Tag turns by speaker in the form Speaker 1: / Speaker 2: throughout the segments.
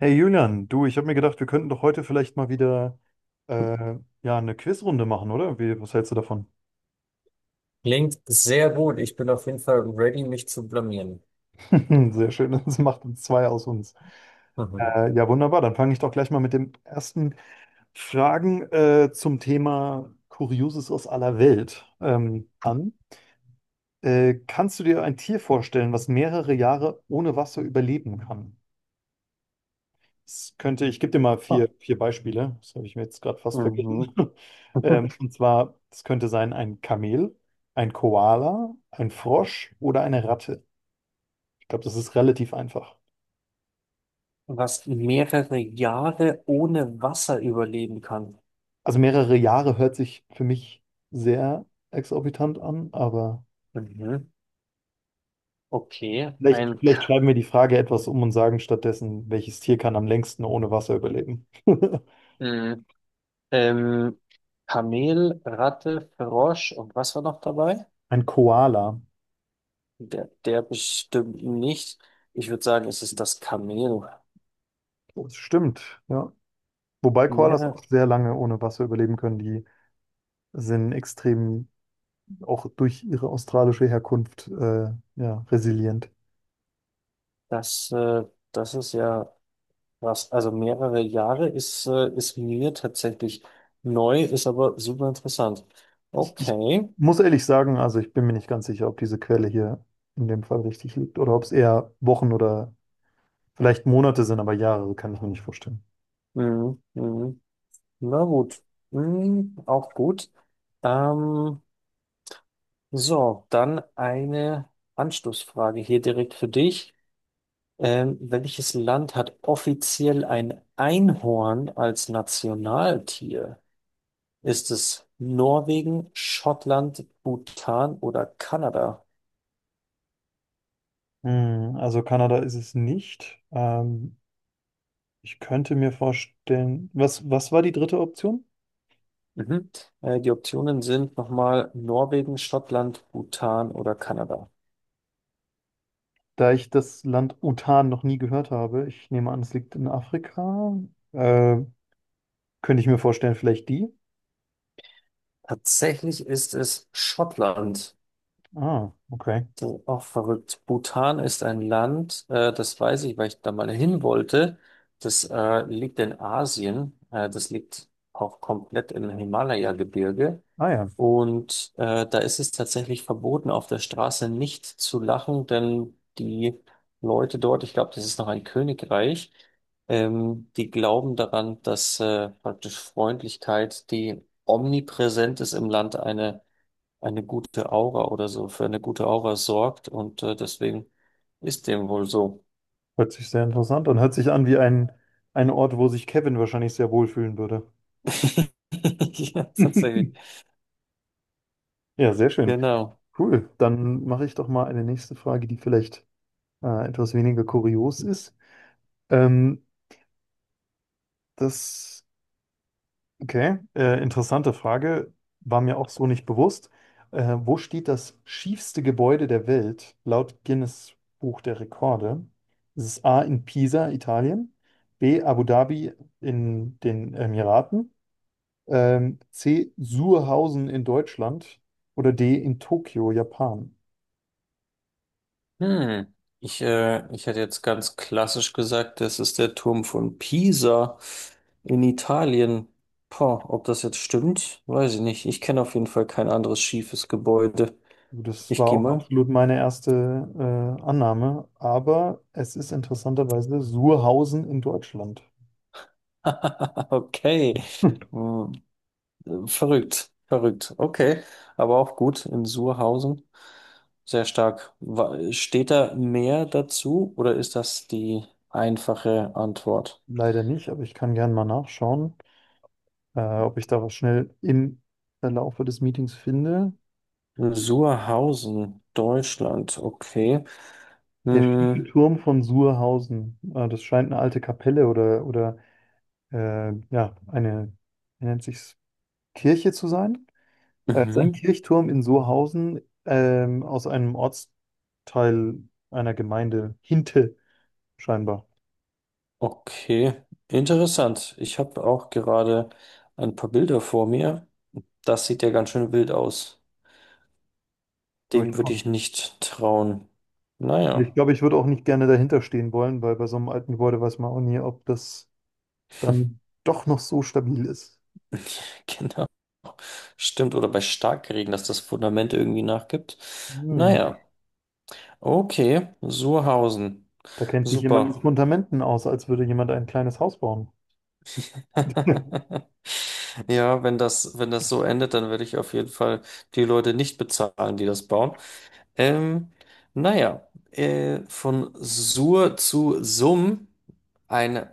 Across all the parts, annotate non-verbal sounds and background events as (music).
Speaker 1: Hey Julian, du, ich habe mir gedacht, wir könnten doch heute vielleicht mal wieder äh, ja, eine Quizrunde machen, oder? Wie, was hältst du davon?
Speaker 2: Klingt sehr gut. Ich bin auf jeden Fall ready, mich zu blamieren.
Speaker 1: (laughs) Sehr schön, das macht uns zwei aus uns.
Speaker 2: Mhm.
Speaker 1: Ja, wunderbar, dann fange ich doch gleich mal mit den ersten Fragen zum Thema Kurioses aus aller Welt an. Kannst du dir ein Tier vorstellen, was mehrere Jahre ohne Wasser überleben kann? Es könnte, ich gebe dir mal
Speaker 2: Ah.
Speaker 1: vier Beispiele. Das habe ich mir jetzt gerade fast vergessen.
Speaker 2: Mhm.
Speaker 1: (laughs)
Speaker 2: (laughs)
Speaker 1: Und zwar, es könnte sein ein Kamel, ein Koala, ein Frosch oder eine Ratte. Ich glaube, das ist relativ einfach.
Speaker 2: Was mehrere Jahre ohne Wasser überleben kann.
Speaker 1: Also mehrere Jahre hört sich für mich sehr exorbitant an, aber
Speaker 2: Mhm. Okay,
Speaker 1: vielleicht,
Speaker 2: ein
Speaker 1: vielleicht
Speaker 2: K,
Speaker 1: schreiben wir die Frage etwas um und sagen stattdessen, welches Tier kann am längsten ohne Wasser überleben? (laughs)
Speaker 2: mh, ähm, Kamel, Ratte, Frosch und was war noch dabei?
Speaker 1: Ein Koala.
Speaker 2: Der, der bestimmt nicht. Ich würde sagen, es ist das Kamel.
Speaker 1: Oh, das stimmt, ja. Wobei Koalas
Speaker 2: Mehrere,
Speaker 1: auch sehr lange ohne Wasser überleben können. Die sind extrem auch durch ihre australische Herkunft, ja, resilient.
Speaker 2: das, äh, das ist ja krass. Also mehrere Jahre ist, ist mir tatsächlich neu, ist aber super interessant.
Speaker 1: Ich
Speaker 2: Okay.
Speaker 1: muss ehrlich sagen, also ich bin mir nicht ganz sicher, ob diese Quelle hier in dem Fall richtig liegt oder ob es eher Wochen oder vielleicht Monate sind, aber Jahre so kann ich mir nicht vorstellen.
Speaker 2: Mhm. Mhm. Na gut. Mhm. Auch gut. Ähm, so, dann eine Anschlussfrage hier direkt für dich. Welches Land hat offiziell ein Einhorn als Nationaltier? Ist es Norwegen, Schottland, Bhutan oder Kanada?
Speaker 1: Hm, also Kanada ist es nicht. Ich könnte mir vorstellen, was, was war die dritte Option?
Speaker 2: Mhm. Die Optionen sind nochmal Norwegen, Schottland, Bhutan oder Kanada.
Speaker 1: Da ich das Land Bhutan noch nie gehört habe, ich nehme an, es liegt in Afrika. äh, Könnte ich mir vorstellen, vielleicht die?
Speaker 2: Tatsächlich ist es Schottland.
Speaker 1: Ah, okay.
Speaker 2: Das ist auch verrückt. Bhutan ist ein Land, das weiß ich, weil ich da mal hin wollte. Das liegt in Asien. Das liegt auch komplett im Himalaya-Gebirge.
Speaker 1: Ah ja.
Speaker 2: Und da ist es tatsächlich verboten, auf der Straße nicht zu lachen, denn die Leute dort, ich glaube, das ist noch ein Königreich, die glauben daran, dass praktisch Freundlichkeit, die omnipräsent ist im Land, eine gute Aura oder so, für eine gute Aura sorgt. Und deswegen ist dem wohl so.
Speaker 1: Hört sich sehr interessant an. Hört sich an wie ein Ort, wo sich Kevin wahrscheinlich sehr wohlfühlen würde.
Speaker 2: (laughs) Ja, tatsächlich.
Speaker 1: (laughs) Ja, sehr schön.
Speaker 2: Genau.
Speaker 1: Cool. Dann mache ich doch mal eine nächste Frage, die vielleicht etwas weniger kurios ist. Ähm, das, okay, Interessante Frage, war mir auch so nicht bewusst. Wo steht das schiefste Gebäude der Welt laut Guinness Buch der Rekorde? Ist es A in Pisa, Italien, B Abu Dhabi in den Emiraten, C. Surhausen in Deutschland oder D. in Tokio, Japan?
Speaker 2: Hm. Ich hätte jetzt ganz klassisch gesagt, das ist der Turm von Pisa in Italien. Boah, ob das jetzt stimmt, weiß ich nicht. Ich kenne auf jeden Fall kein anderes schiefes Gebäude.
Speaker 1: Also das
Speaker 2: Ich
Speaker 1: war
Speaker 2: gehe
Speaker 1: auch
Speaker 2: mal.
Speaker 1: absolut meine erste Annahme, aber es ist interessanterweise Surhausen in Deutschland.
Speaker 2: (laughs) Okay.
Speaker 1: Hm.
Speaker 2: Hm. Verrückt, verrückt. Okay, aber auch gut in Surhausen. Sehr stark. Wa- steht da mehr dazu oder ist das die einfache Antwort?
Speaker 1: Leider nicht, aber ich kann gerne mal nachschauen, ob ich da was schnell im Verlaufe des Meetings finde.
Speaker 2: Suhrhausen, Deutschland, okay.
Speaker 1: Der schiefe
Speaker 2: Hm.
Speaker 1: Turm von Surhausen, das scheint eine alte Kapelle oder ja, eine, wie nennt sich's, Kirche zu sein. Er ist ein
Speaker 2: Mhm.
Speaker 1: Kirchturm in Sohausen, aus einem Ortsteil einer Gemeinde, Hinte scheinbar.
Speaker 2: Okay, interessant. Ich habe auch gerade ein paar Bilder vor mir. Das sieht ja ganz schön wild aus. Dem würde
Speaker 1: Durchaus.
Speaker 2: ich nicht trauen.
Speaker 1: Ich
Speaker 2: Naja.
Speaker 1: glaube, ich würde auch nicht gerne dahinter stehen wollen, weil bei so einem alten Gebäude weiß man auch nie, ob das dann doch noch so stabil ist.
Speaker 2: (laughs) Genau. Stimmt, oder bei Starkregen, dass das Fundament irgendwie nachgibt.
Speaker 1: Hm.
Speaker 2: Naja, okay, Suhrhausen.
Speaker 1: Da kennt sich jemand mit
Speaker 2: Super.
Speaker 1: Fundamenten aus, als würde jemand ein kleines Haus bauen. (laughs)
Speaker 2: (laughs) Ja, wenn das so endet, dann werde ich auf jeden Fall die Leute nicht bezahlen, die das bauen. Ähm, naja, von Sur zu Sum ein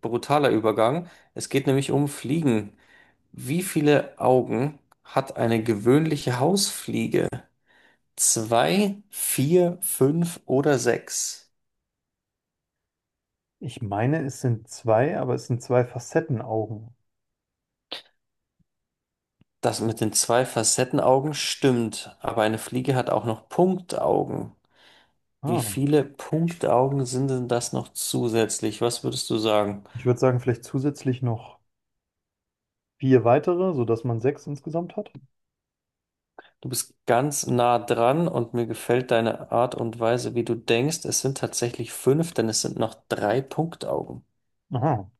Speaker 2: brutaler Übergang. Es geht nämlich um Fliegen. Wie viele Augen hat eine gewöhnliche Hausfliege? Zwei, vier, fünf oder sechs?
Speaker 1: Ich meine, es sind zwei, aber es sind zwei Facettenaugen.
Speaker 2: Das mit den zwei Facettenaugen stimmt, aber eine Fliege hat auch noch Punktaugen. Wie
Speaker 1: Ah.
Speaker 2: viele Punktaugen sind denn das noch zusätzlich? Was würdest du sagen?
Speaker 1: Ich würde sagen, vielleicht zusätzlich noch vier weitere, sodass man sechs insgesamt hat.
Speaker 2: Du bist ganz nah dran und mir gefällt deine Art und Weise, wie du denkst. Es sind tatsächlich fünf, denn es sind noch drei Punktaugen.
Speaker 1: Aha.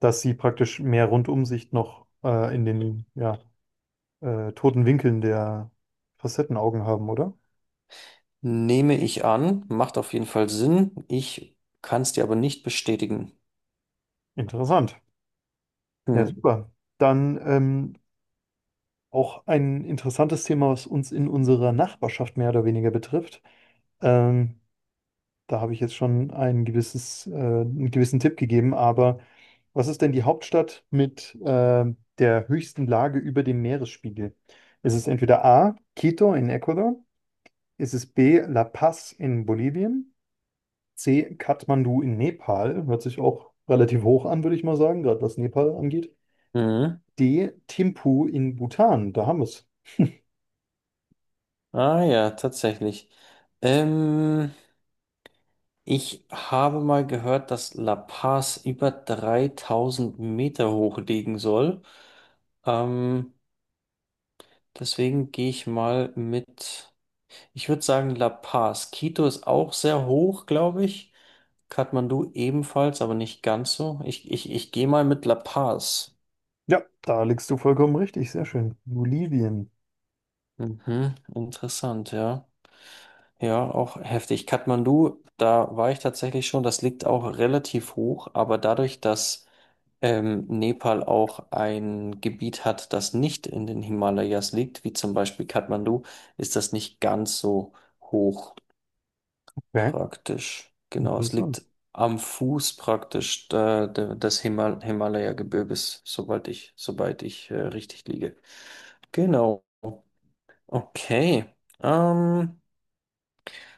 Speaker 1: Dass sie praktisch mehr Rundumsicht noch in den ja, toten Winkeln der Facettenaugen haben, oder?
Speaker 2: Nehme ich an, macht auf jeden Fall Sinn. Ich kann es dir aber nicht bestätigen.
Speaker 1: Interessant. Ja,
Speaker 2: Hm.
Speaker 1: super. Dann auch ein interessantes Thema, was uns in unserer Nachbarschaft mehr oder weniger betrifft. Ähm, da habe ich jetzt schon ein gewisses, einen gewissen Tipp gegeben, aber was ist denn die Hauptstadt mit der höchsten Lage über dem Meeresspiegel? Ist es entweder A, Quito in Ecuador? Ist es B, La Paz in Bolivien? C. Kathmandu in Nepal. Hört sich auch relativ hoch an, würde ich mal sagen, gerade was Nepal angeht.
Speaker 2: Mhm.
Speaker 1: D. Thimphu in Bhutan. Da haben wir es.
Speaker 2: Ah ja, tatsächlich. Ähm, ich habe mal gehört, dass La Paz über 3000 Meter hoch liegen soll. Ähm, Deswegen gehe ich mal mit, ich würde sagen La Paz. Quito ist auch sehr hoch, glaube ich. Kathmandu ebenfalls, aber nicht ganz so. Ich gehe mal mit La Paz.
Speaker 1: Ja, da liegst du vollkommen richtig. Sehr schön. Bolivien.
Speaker 2: Mhm, interessant, ja. Ja, auch heftig. Kathmandu, da war ich tatsächlich schon, das liegt auch relativ hoch, aber dadurch, dass Nepal auch ein Gebiet hat, das nicht in den Himalayas liegt, wie zum Beispiel Kathmandu, ist das nicht ganz so hoch.
Speaker 1: Okay,
Speaker 2: Praktisch, genau. Es
Speaker 1: interessant.
Speaker 2: liegt am Fuß praktisch des Himalaya-Gebirges, sobald ich richtig liege. Genau. Okay. Ähm,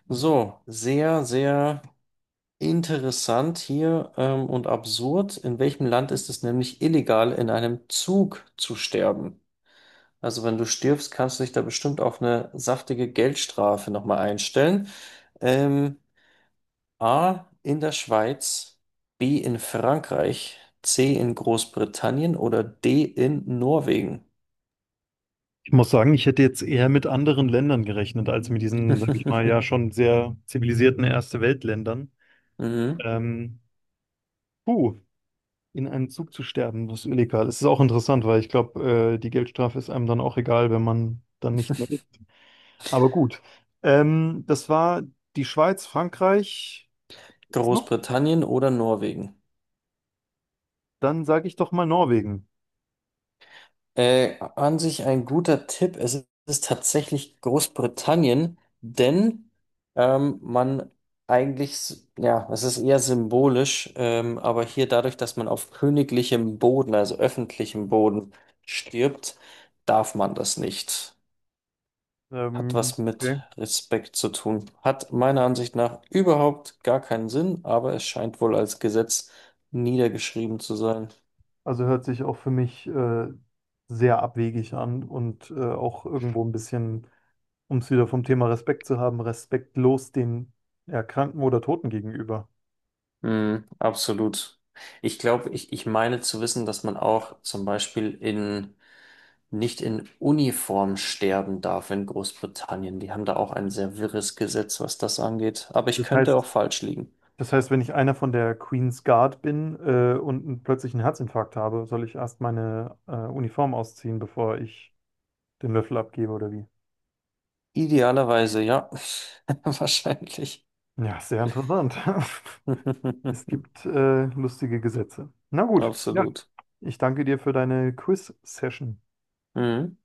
Speaker 2: so, sehr interessant hier und absurd. In welchem Land ist es nämlich illegal, in einem Zug zu sterben? Also wenn du stirbst, kannst du dich da bestimmt auf eine saftige Geldstrafe nochmal einstellen. Ähm, A in der Schweiz, B in Frankreich, C in Großbritannien oder D in Norwegen?
Speaker 1: Ich muss sagen, ich hätte jetzt eher mit anderen Ländern gerechnet, als mit diesen, sag ich mal, ja
Speaker 2: (laughs)
Speaker 1: schon sehr zivilisierten Erste-Welt-Ländern.
Speaker 2: Mhm.
Speaker 1: Ähm, puh, in einem Zug zu sterben, das ist illegal. Es ist auch interessant, weil ich glaube, die Geldstrafe ist einem dann auch egal, wenn man dann nicht mehr ist. Aber gut. Das war die Schweiz, Frankreich. Ist noch?
Speaker 2: Großbritannien oder Norwegen?
Speaker 1: Dann sage ich doch mal Norwegen.
Speaker 2: An sich ein guter Tipp. Es ist tatsächlich Großbritannien, denn man eigentlich, s- ja, es ist eher symbolisch, aber hier dadurch, dass man auf königlichem Boden, also öffentlichem Boden stirbt, darf man das nicht. Hat was mit
Speaker 1: Okay.
Speaker 2: Respekt zu tun. Hat meiner Ansicht nach überhaupt gar keinen Sinn, aber es scheint wohl als Gesetz niedergeschrieben zu sein.
Speaker 1: Also hört sich auch für mich sehr abwegig an und auch irgendwo ein bisschen, um es wieder vom Thema Respekt zu haben, respektlos den Erkrankten oder Toten gegenüber.
Speaker 2: Mm, absolut. Ich glaube, ich meine zu wissen, dass man auch zum Beispiel nicht in Uniform sterben darf in Großbritannien. Die haben da auch ein sehr wirres Gesetz, was das angeht. Aber ich
Speaker 1: Das
Speaker 2: könnte auch
Speaker 1: heißt,
Speaker 2: falsch liegen.
Speaker 1: das heißt, wenn ich einer von der Queen's Guard bin und einen plötzlichen Herzinfarkt habe, soll ich erst meine Uniform ausziehen, bevor ich den Löffel abgebe oder wie?
Speaker 2: Idealerweise, ja. (laughs) Wahrscheinlich.
Speaker 1: Ja, sehr interessant. (laughs) Es
Speaker 2: (laughs)
Speaker 1: gibt lustige Gesetze. Na gut, ja,
Speaker 2: Absolut.
Speaker 1: ich danke dir für deine Quiz-Session.
Speaker 2: Mhm.